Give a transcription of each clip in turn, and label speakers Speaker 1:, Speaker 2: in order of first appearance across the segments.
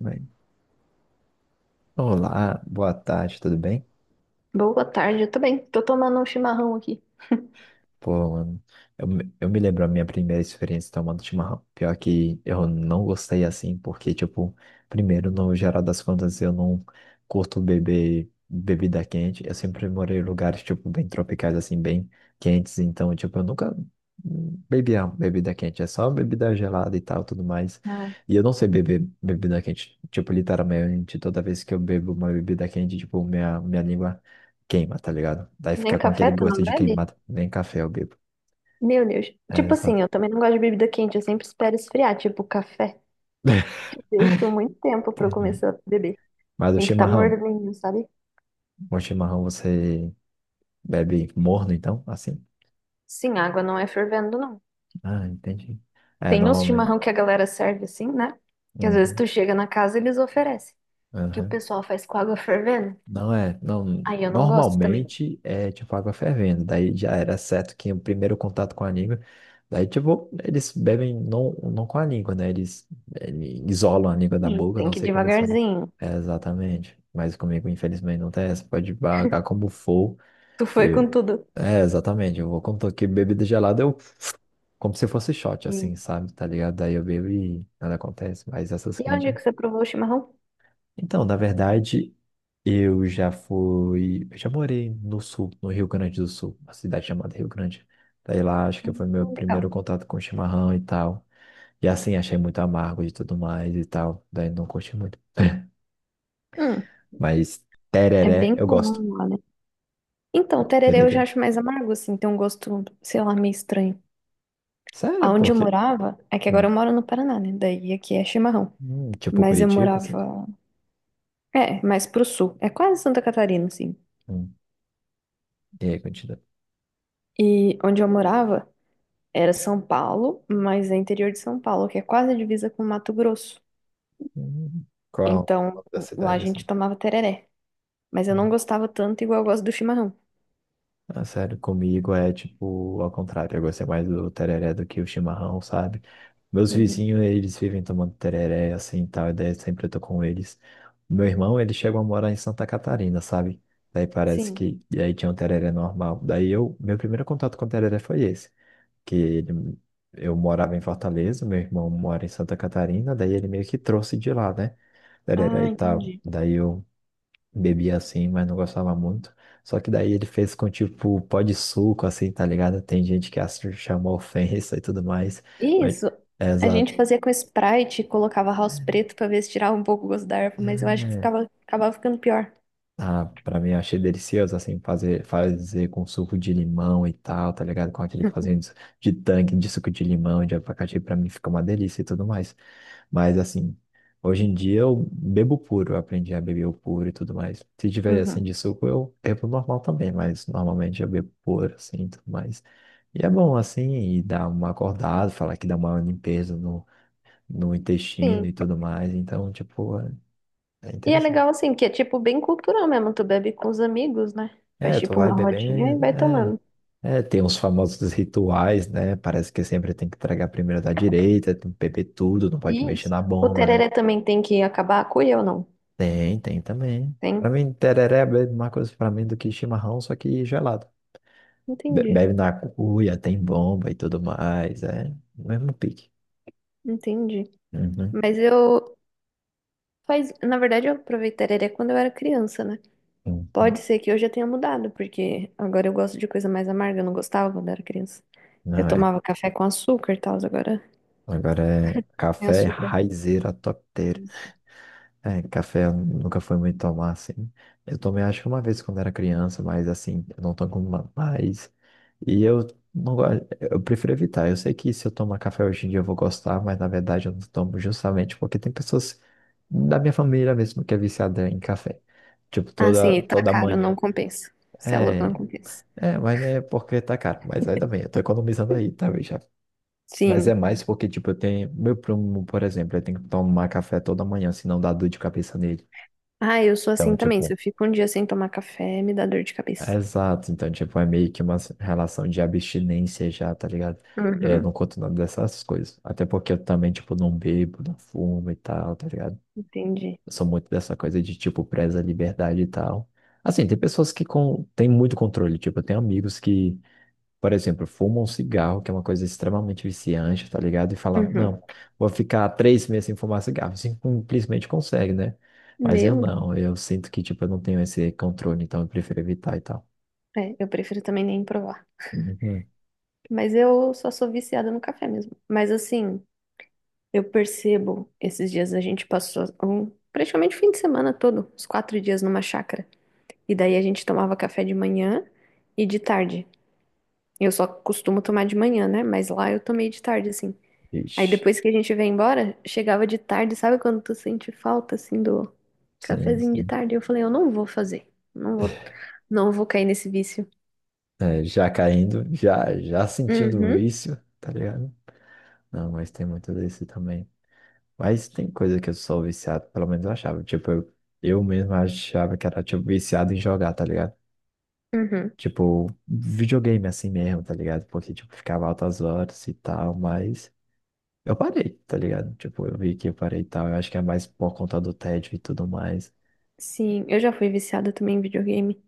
Speaker 1: Bem, olá, boa tarde, tudo bem?
Speaker 2: Boa tarde, eu também. Tô tomando um chimarrão aqui.
Speaker 1: Pô, mano, eu me lembro a minha primeira experiência tomando chimarrão. Pior que eu não gostei assim, porque, tipo, primeiro, no geral das contas, eu não curto beber bebida quente. Eu sempre morei em lugares, tipo, bem tropicais, assim, bem quentes. Então, tipo, eu nunca bebia bebida quente. É só bebida gelada e tal, tudo mais.
Speaker 2: Ah,
Speaker 1: E eu não sei beber bebida quente. Tipo, literalmente, toda vez que eu bebo uma bebida quente, tipo, minha língua queima, tá ligado? Daí
Speaker 2: nem
Speaker 1: fica com
Speaker 2: café
Speaker 1: aquele
Speaker 2: tu não
Speaker 1: gosto de
Speaker 2: bebe?
Speaker 1: queimado. Nem café eu bebo.
Speaker 2: Meu Deus.
Speaker 1: É,
Speaker 2: Tipo assim,
Speaker 1: exato.
Speaker 2: eu também não gosto de bebida quente, eu sempre espero esfriar, tipo café. Deixo muito tempo pra eu
Speaker 1: Entendi.
Speaker 2: começar a beber.
Speaker 1: Mas o
Speaker 2: Tem que estar tá
Speaker 1: chimarrão,
Speaker 2: morninho, sabe?
Speaker 1: o chimarrão você bebe morno, então? Assim?
Speaker 2: Sim, a água não é fervendo, não.
Speaker 1: Ah, entendi. É,
Speaker 2: Tem uns
Speaker 1: normalmente.
Speaker 2: chimarrão que a galera serve assim, né? Que às vezes
Speaker 1: Uhum,
Speaker 2: tu chega na casa e eles oferecem. Que o
Speaker 1: uhum.
Speaker 2: pessoal faz com água fervendo.
Speaker 1: Não é, não,
Speaker 2: Aí eu não gosto também.
Speaker 1: normalmente é tipo água fervendo, daí já era certo que o primeiro contato com a língua, daí tipo, eles bebem não, não com a língua, né? Eles isolam a língua da
Speaker 2: Sim.
Speaker 1: boca,
Speaker 2: Tem
Speaker 1: não
Speaker 2: que ir
Speaker 1: sei como eles fazem.
Speaker 2: devagarzinho.
Speaker 1: É, exatamente, mas comigo infelizmente não tem essa, pode pagar como for,
Speaker 2: Tu foi com
Speaker 1: eu,
Speaker 2: tudo.
Speaker 1: é, exatamente, eu vou, como tô aqui bebida gelada, como se fosse shot,
Speaker 2: Sim.
Speaker 1: assim, sabe, tá ligado? Daí eu bebo e nada acontece, mas essas
Speaker 2: E onde
Speaker 1: quentes
Speaker 2: que você provou o chimarrão?
Speaker 1: então, na verdade, eu já fui. Eu já morei no sul, no Rio Grande do Sul, uma cidade chamada Rio Grande. Daí lá, acho que
Speaker 2: Hum,
Speaker 1: foi meu
Speaker 2: Legal.
Speaker 1: primeiro contato com chimarrão e tal. E assim, achei muito amargo e tudo mais e tal. Daí não curti muito.
Speaker 2: Hum.
Speaker 1: Mas
Speaker 2: É
Speaker 1: tereré,
Speaker 2: bem
Speaker 1: eu gosto.
Speaker 2: comum, olha. Então,
Speaker 1: Pô,
Speaker 2: o tererê eu já
Speaker 1: tereré.
Speaker 2: acho mais amargo, assim, tem um gosto, sei lá, meio estranho.
Speaker 1: Sério,
Speaker 2: Aonde eu
Speaker 1: porque.
Speaker 2: morava, é que
Speaker 1: Hum,
Speaker 2: agora eu moro no Paraná, né? Daí aqui é chimarrão.
Speaker 1: tipo
Speaker 2: Mas eu
Speaker 1: Curitiba, assim.
Speaker 2: morava, é, mais pro sul. É quase Santa Catarina, assim.
Speaker 1: Hum. E aí, Curitiba?
Speaker 2: E onde eu morava era São Paulo, mas é interior de São Paulo, que é quase a divisa com Mato Grosso.
Speaker 1: Hum. Qual é o
Speaker 2: Então,
Speaker 1: nome da
Speaker 2: lá a
Speaker 1: cidade,
Speaker 2: gente
Speaker 1: assim?
Speaker 2: tomava tereré. Mas eu não
Speaker 1: Hum.
Speaker 2: gostava tanto igual eu gosto do chimarrão.
Speaker 1: Ah, sério, comigo é tipo ao contrário. Eu gostei mais do tereré do que o chimarrão, sabe? Meus
Speaker 2: Uhum.
Speaker 1: vizinhos, eles vivem tomando tereré, assim, e tal, e daí sempre eu tô com eles. Meu irmão, ele chegou a morar em Santa Catarina, sabe? Daí
Speaker 2: Sim.
Speaker 1: e aí tinha um tereré normal. Meu primeiro contato com o tereré foi esse. Que ele... eu morava em Fortaleza, meu irmão mora em Santa Catarina, daí ele meio que trouxe de lá, né? Tereré
Speaker 2: Ah,
Speaker 1: e tal.
Speaker 2: entendi.
Speaker 1: Bebia assim, mas não gostava muito. Só que daí ele fez com tipo pó de suco, assim, tá ligado? Tem gente que chamou ofensa e tudo mais. Mas,
Speaker 2: Isso,
Speaker 1: é,
Speaker 2: a gente
Speaker 1: exato.
Speaker 2: fazia com Sprite e colocava house preto pra ver se tirava um pouco o gosto da erva, mas eu acho que
Speaker 1: É,
Speaker 2: ficava, acabava ficando pior.
Speaker 1: ah, pra mim eu achei delicioso, assim, fazer com suco de limão e tal, tá ligado? Com aquele fazendo de tanque de suco de limão, de abacaxi, pra mim fica uma delícia e tudo mais. Mas, assim, hoje em dia eu bebo puro, eu aprendi a beber o puro e tudo mais. Se tiver, assim,
Speaker 2: Uhum.
Speaker 1: de suco, eu bebo normal também, mas normalmente eu bebo puro, assim, e tudo mais. E é bom, assim, e dá uma acordada, falar que dá uma limpeza no intestino
Speaker 2: Sim.
Speaker 1: e tudo mais, então, tipo, é
Speaker 2: E é
Speaker 1: interessante.
Speaker 2: legal assim, que é tipo bem cultural mesmo, tu bebe com os amigos, né? Faz
Speaker 1: É, tu
Speaker 2: tipo
Speaker 1: vai
Speaker 2: uma rodinha e
Speaker 1: bebendo,
Speaker 2: vai
Speaker 1: é.
Speaker 2: tomando.
Speaker 1: É, tem uns famosos rituais, né? Parece que sempre tem que tragar primeiro da direita, tem que beber tudo, não pode mexer
Speaker 2: Isso.
Speaker 1: na
Speaker 2: O
Speaker 1: bomba, né?
Speaker 2: tereré também tem que acabar a cuia ou não?
Speaker 1: Tem, tem também. Pra
Speaker 2: Tem?
Speaker 1: mim, tereré é a mesma coisa pra mim do que chimarrão, só que gelado.
Speaker 2: Entendi,
Speaker 1: Bebe na cuia, tem bomba e tudo mais, é o mesmo pique.
Speaker 2: entendi.
Speaker 1: Uhum,
Speaker 2: Mas eu faz, na verdade eu provei tereré quando eu era criança, né? Pode
Speaker 1: uhum.
Speaker 2: ser que eu já tenha mudado, porque agora eu gosto de coisa mais amarga, eu não gostava quando era criança. Eu
Speaker 1: Não é.
Speaker 2: tomava café com açúcar e tal, agora
Speaker 1: Agora é
Speaker 2: é
Speaker 1: café
Speaker 2: açúcar.
Speaker 1: raizeira top.
Speaker 2: Isso.
Speaker 1: É, café eu nunca foi muito tomar, assim. Eu tomei acho que uma vez quando era criança, mas assim, eu não tomo mais. E eu não gosto, eu prefiro evitar. Eu sei que se eu tomar café hoje em dia eu vou gostar, mas na verdade eu não tomo justamente porque tem pessoas da minha família mesmo que é viciada em café. Tipo,
Speaker 2: Ah, sim, e
Speaker 1: toda,
Speaker 2: tá
Speaker 1: toda
Speaker 2: caro, não
Speaker 1: manhã.
Speaker 2: compensa. Você é louco, não
Speaker 1: É,
Speaker 2: compensa.
Speaker 1: é, mas né, porque tá caro. Mas ainda bem, eu tô economizando aí, tá, já. Mas é
Speaker 2: Sim.
Speaker 1: mais porque, tipo, eu tenho. Meu primo, por exemplo, ele tem que tomar café toda manhã, senão dá dor de cabeça nele.
Speaker 2: Ah, eu sou assim
Speaker 1: Então,
Speaker 2: também. Se
Speaker 1: tipo,
Speaker 2: eu fico um dia sem tomar café, me dá dor de
Speaker 1: é,
Speaker 2: cabeça.
Speaker 1: exato, então, tipo, é meio que uma relação de abstinência já, tá ligado? É,
Speaker 2: Uhum,
Speaker 1: não conto nada dessas coisas. Até porque eu também, tipo, não bebo, não fumo e tal, tá ligado?
Speaker 2: entendi.
Speaker 1: Eu sou muito dessa coisa de, tipo, preza a liberdade e tal. Assim, tem pessoas que têm muito controle, tipo, eu tenho amigos que, por exemplo, fumam um cigarro, que é uma coisa extremamente viciante, tá ligado? E falam,
Speaker 2: Uhum.
Speaker 1: não, vou ficar 3 meses sem fumar cigarro. Assim, simplesmente consegue, né? Mas eu
Speaker 2: Meu,
Speaker 1: não, eu sinto que, tipo, eu não tenho esse controle, então eu prefiro evitar e tal.
Speaker 2: é, eu prefiro também nem provar.
Speaker 1: Uhum.
Speaker 2: Mas eu só sou viciada no café mesmo. Mas assim, eu percebo, esses dias a gente passou um- praticamente o fim de semana todo, os quatro dias numa chácara. E daí a gente tomava café de manhã e de tarde. Eu só costumo tomar de manhã, né? Mas lá eu tomei de tarde, assim. Aí
Speaker 1: Ixi,
Speaker 2: depois que a gente veio embora, chegava de tarde, sabe quando tu sente falta, assim, do
Speaker 1: sim,
Speaker 2: cafezinho de
Speaker 1: sim.
Speaker 2: tarde? Eu falei, eu não vou fazer. Não vou, não vou cair nesse vício.
Speaker 1: É, já caindo, já, já sentindo o
Speaker 2: Uhum,
Speaker 1: vício, tá ligado? Não, mas tem muito desse também. Mas tem coisa que eu sou viciado, pelo menos eu achava. Tipo, eu mesmo achava que era, tipo, viciado em jogar, tá ligado?
Speaker 2: uhum.
Speaker 1: Tipo, videogame assim mesmo, tá ligado? Porque, tipo, ficava altas horas e tal, mas eu parei, tá ligado? Tipo, eu vi que eu parei e tal. Eu acho que é mais por conta do tédio e tudo mais.
Speaker 2: Sim, eu já fui viciada também em videogame.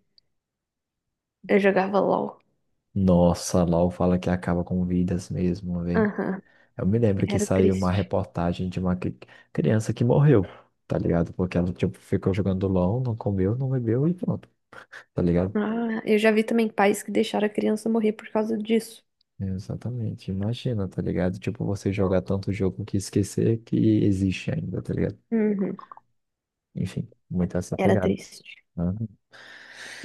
Speaker 2: Eu jogava LOL.
Speaker 1: Nossa, LOL fala que acaba com vidas mesmo, velho.
Speaker 2: Aham,
Speaker 1: Eu me lembro que
Speaker 2: era
Speaker 1: saiu uma
Speaker 2: triste.
Speaker 1: reportagem de uma criança que morreu, tá ligado? Porque ela, tipo, ficou jogando LOL, não comeu, não bebeu e pronto, tá ligado?
Speaker 2: Ah, eu já vi também pais que deixaram a criança morrer por causa disso.
Speaker 1: Exatamente, imagina, tá ligado? Tipo, você jogar tanto jogo que esquecer que existe ainda, tá ligado?
Speaker 2: Uhum,
Speaker 1: Enfim, muito essa
Speaker 2: era
Speaker 1: pegada,
Speaker 2: triste.
Speaker 1: né?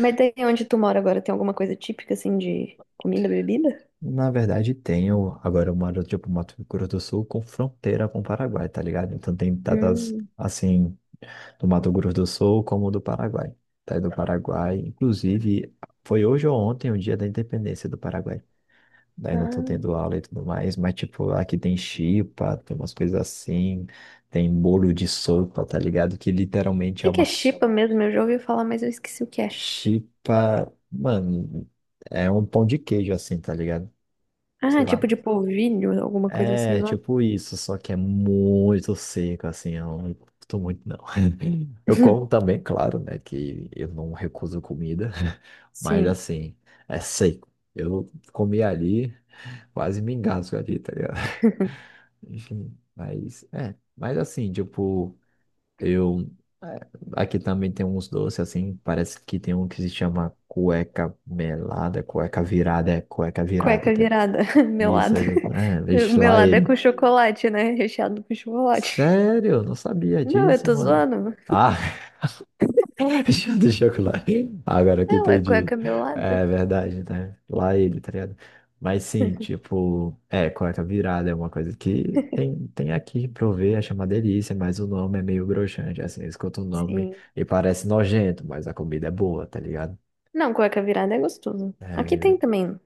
Speaker 2: Mas daí onde tu mora agora, tem alguma coisa típica, assim, de comida, bebida?
Speaker 1: Na verdade, tenho. Agora eu moro, tipo, Mato Grosso do Sul com fronteira com o Paraguai, tá ligado? Então tem datas,
Speaker 2: Hum,
Speaker 1: assim, do Mato Grosso do Sul como do Paraguai. Daí do Paraguai, inclusive, foi hoje ou ontem o dia da independência do Paraguai. Daí não tô
Speaker 2: ah.
Speaker 1: tendo
Speaker 2: O
Speaker 1: aula e tudo mais, mas tipo, aqui tem chipa, tem umas coisas assim, tem bolo de sopa, tá ligado? Que literalmente
Speaker 2: que
Speaker 1: é
Speaker 2: que
Speaker 1: uma
Speaker 2: é chipa mesmo? Eu já ouvi falar, mas eu esqueci o que é.
Speaker 1: chipa, mano, é um pão de queijo assim, tá ligado?
Speaker 2: Ah,
Speaker 1: Sei
Speaker 2: tipo
Speaker 1: lá.
Speaker 2: de polvilho, alguma coisa assim,
Speaker 1: É,
Speaker 2: não é?
Speaker 1: tipo isso, só que é muito seco, assim, eu não curto muito, não. Eu como também, claro, né, que eu não recuso comida, mas
Speaker 2: Sim.
Speaker 1: assim, é seco. Eu comi ali, quase me engasgo ali, tá ligado? Enfim, mas, é, mas assim, tipo, eu... é, aqui também tem uns doces, assim, parece que tem um que se chama cueca melada, cueca virada, é cueca virada,
Speaker 2: Cueca
Speaker 1: tá ligado?
Speaker 2: virada,
Speaker 1: Isso,
Speaker 2: melado
Speaker 1: é, é, deixa lá
Speaker 2: melado é com
Speaker 1: ele.
Speaker 2: chocolate, né? Recheado com chocolate.
Speaker 1: Sério? Não sabia
Speaker 2: Não, eu
Speaker 1: disso,
Speaker 2: tô
Speaker 1: mano.
Speaker 2: zoando.
Speaker 1: Ah, deixa eu lá. Agora que
Speaker 2: É, ué,
Speaker 1: entendi.
Speaker 2: cueca melada.
Speaker 1: É verdade, né? Lá ele, tá ligado? Mas sim, tipo, é, cueca virada é uma coisa que tem, aqui pra eu ver, é uma delícia, mas o nome é meio broxante, assim, escuta o nome
Speaker 2: Sim.
Speaker 1: e parece nojento, mas a comida é boa, tá ligado?
Speaker 2: Não, cueca virada é gostoso.
Speaker 1: É,
Speaker 2: Aqui tem também.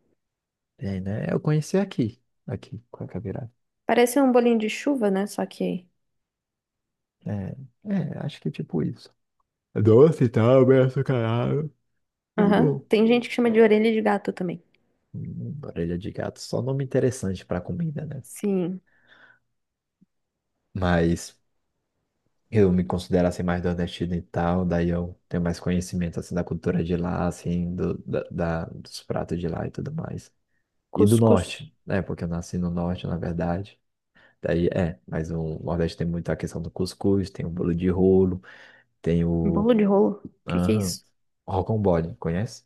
Speaker 1: tem, né? Eu conheci aqui, cueca virada.
Speaker 2: Parece um bolinho de chuva, né? Só que.
Speaker 1: É, é, acho que tipo isso. Doce e tal, bem açucarado. É
Speaker 2: Aham.
Speaker 1: bom.
Speaker 2: Tem gente que chama de orelha de gato também.
Speaker 1: Orelha de gato, só nome interessante para comida, né?
Speaker 2: Sim.
Speaker 1: Mas eu me considero assim mais do nordestino e tal, daí eu tenho mais conhecimento assim da cultura de lá, assim, dos pratos de lá e tudo mais. E do
Speaker 2: Cuscuz.
Speaker 1: norte, né? Porque eu nasci no norte, na verdade. Daí é, mas o Nordeste tem muito a questão do cuscuz, tem o bolo de rolo, tem o.
Speaker 2: Bolo de rolo. O que que é
Speaker 1: aham,
Speaker 2: isso?
Speaker 1: rocambole, conhece?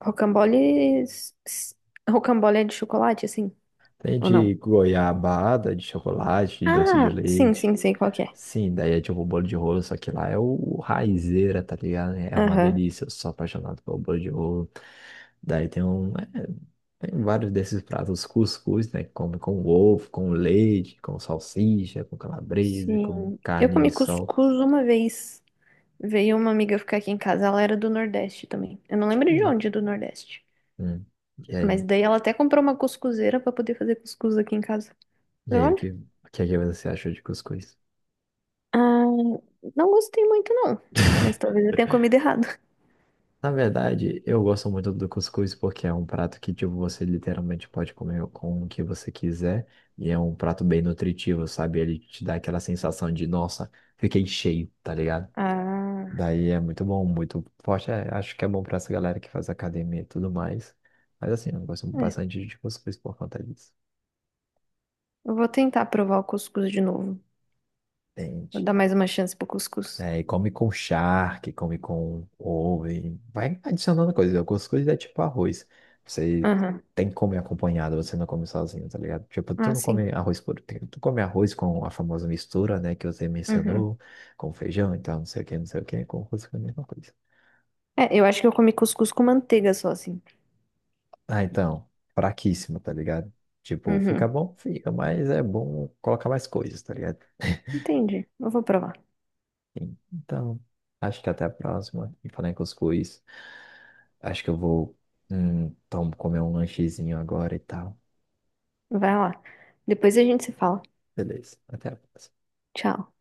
Speaker 2: Rocambole. S- Rocambole é de chocolate, assim?
Speaker 1: Tem
Speaker 2: Ou
Speaker 1: de
Speaker 2: não?
Speaker 1: goiabada, de chocolate, de doce de
Speaker 2: Ah, sim,
Speaker 1: leite.
Speaker 2: sim, sei qual que é.
Speaker 1: Sim, daí é tipo o bolo de rolo, só que lá é o raizeira, tá ligado? É uma
Speaker 2: Aham.
Speaker 1: delícia, eu sou apaixonado pelo bolo de rolo. Daí tem um. É, Tem vários desses pratos, cuscuz, né? Que come com ovo, com leite, com salsicha, com calabresa, com
Speaker 2: Sim. Eu
Speaker 1: carne de
Speaker 2: comi
Speaker 1: sol.
Speaker 2: cuscuz uma vez. Veio uma amiga ficar aqui em casa, ela era do Nordeste também. Eu não lembro de onde do Nordeste.
Speaker 1: Hum. E
Speaker 2: Mas
Speaker 1: aí?
Speaker 2: daí ela até comprou uma cuscuzeira pra poder fazer cuscuz aqui em casa.
Speaker 1: E
Speaker 2: Falei,
Speaker 1: aí, o
Speaker 2: olha.
Speaker 1: que, o que é que você achou de cuscuz?
Speaker 2: Ah, não gostei muito, não. Mas talvez eu tenha comido errado.
Speaker 1: Na verdade, eu gosto muito do cuscuz porque é um prato que, tipo, você literalmente pode comer com o que você quiser e é um prato bem nutritivo, sabe? Ele te dá aquela sensação de, nossa, fiquei cheio, tá ligado?
Speaker 2: Ah,
Speaker 1: Daí é muito bom, muito forte. É, acho que é bom pra essa galera que faz academia e tudo mais. Mas assim, eu gosto
Speaker 2: é.
Speaker 1: bastante de cuscuz por conta disso.
Speaker 2: Eu vou tentar provar o cuscuz de novo. Vou
Speaker 1: Entende?
Speaker 2: dar mais uma chance pro cuscuz.
Speaker 1: É, e come com charque, come com ovo, e vai adicionando coisas. Algumas coisas é tipo arroz. Você
Speaker 2: Aham.
Speaker 1: tem que comer acompanhado, você não come sozinho, tá ligado? Tipo, tu
Speaker 2: Ah,
Speaker 1: não
Speaker 2: sim.
Speaker 1: come arroz por tempo. Tu come arroz com a famosa mistura, né, que você
Speaker 2: Uhum.
Speaker 1: mencionou, com feijão, então não sei o que, não sei o que, com arroz com a mesma coisa.
Speaker 2: É, eu acho que eu comi cuscuz com manteiga só, assim.
Speaker 1: Ah, então, fraquíssimo, tá ligado? Tipo,
Speaker 2: Uhum.
Speaker 1: fica bom? Fica, mas é bom colocar mais coisas, tá ligado?
Speaker 2: Entendi. Eu vou provar.
Speaker 1: Então, acho que até a próxima. E falar em cuscuz. Acho que eu vou, comer um lanchezinho agora e tal.
Speaker 2: Vai lá. Depois a gente se fala.
Speaker 1: Beleza, até a próxima.
Speaker 2: Tchau.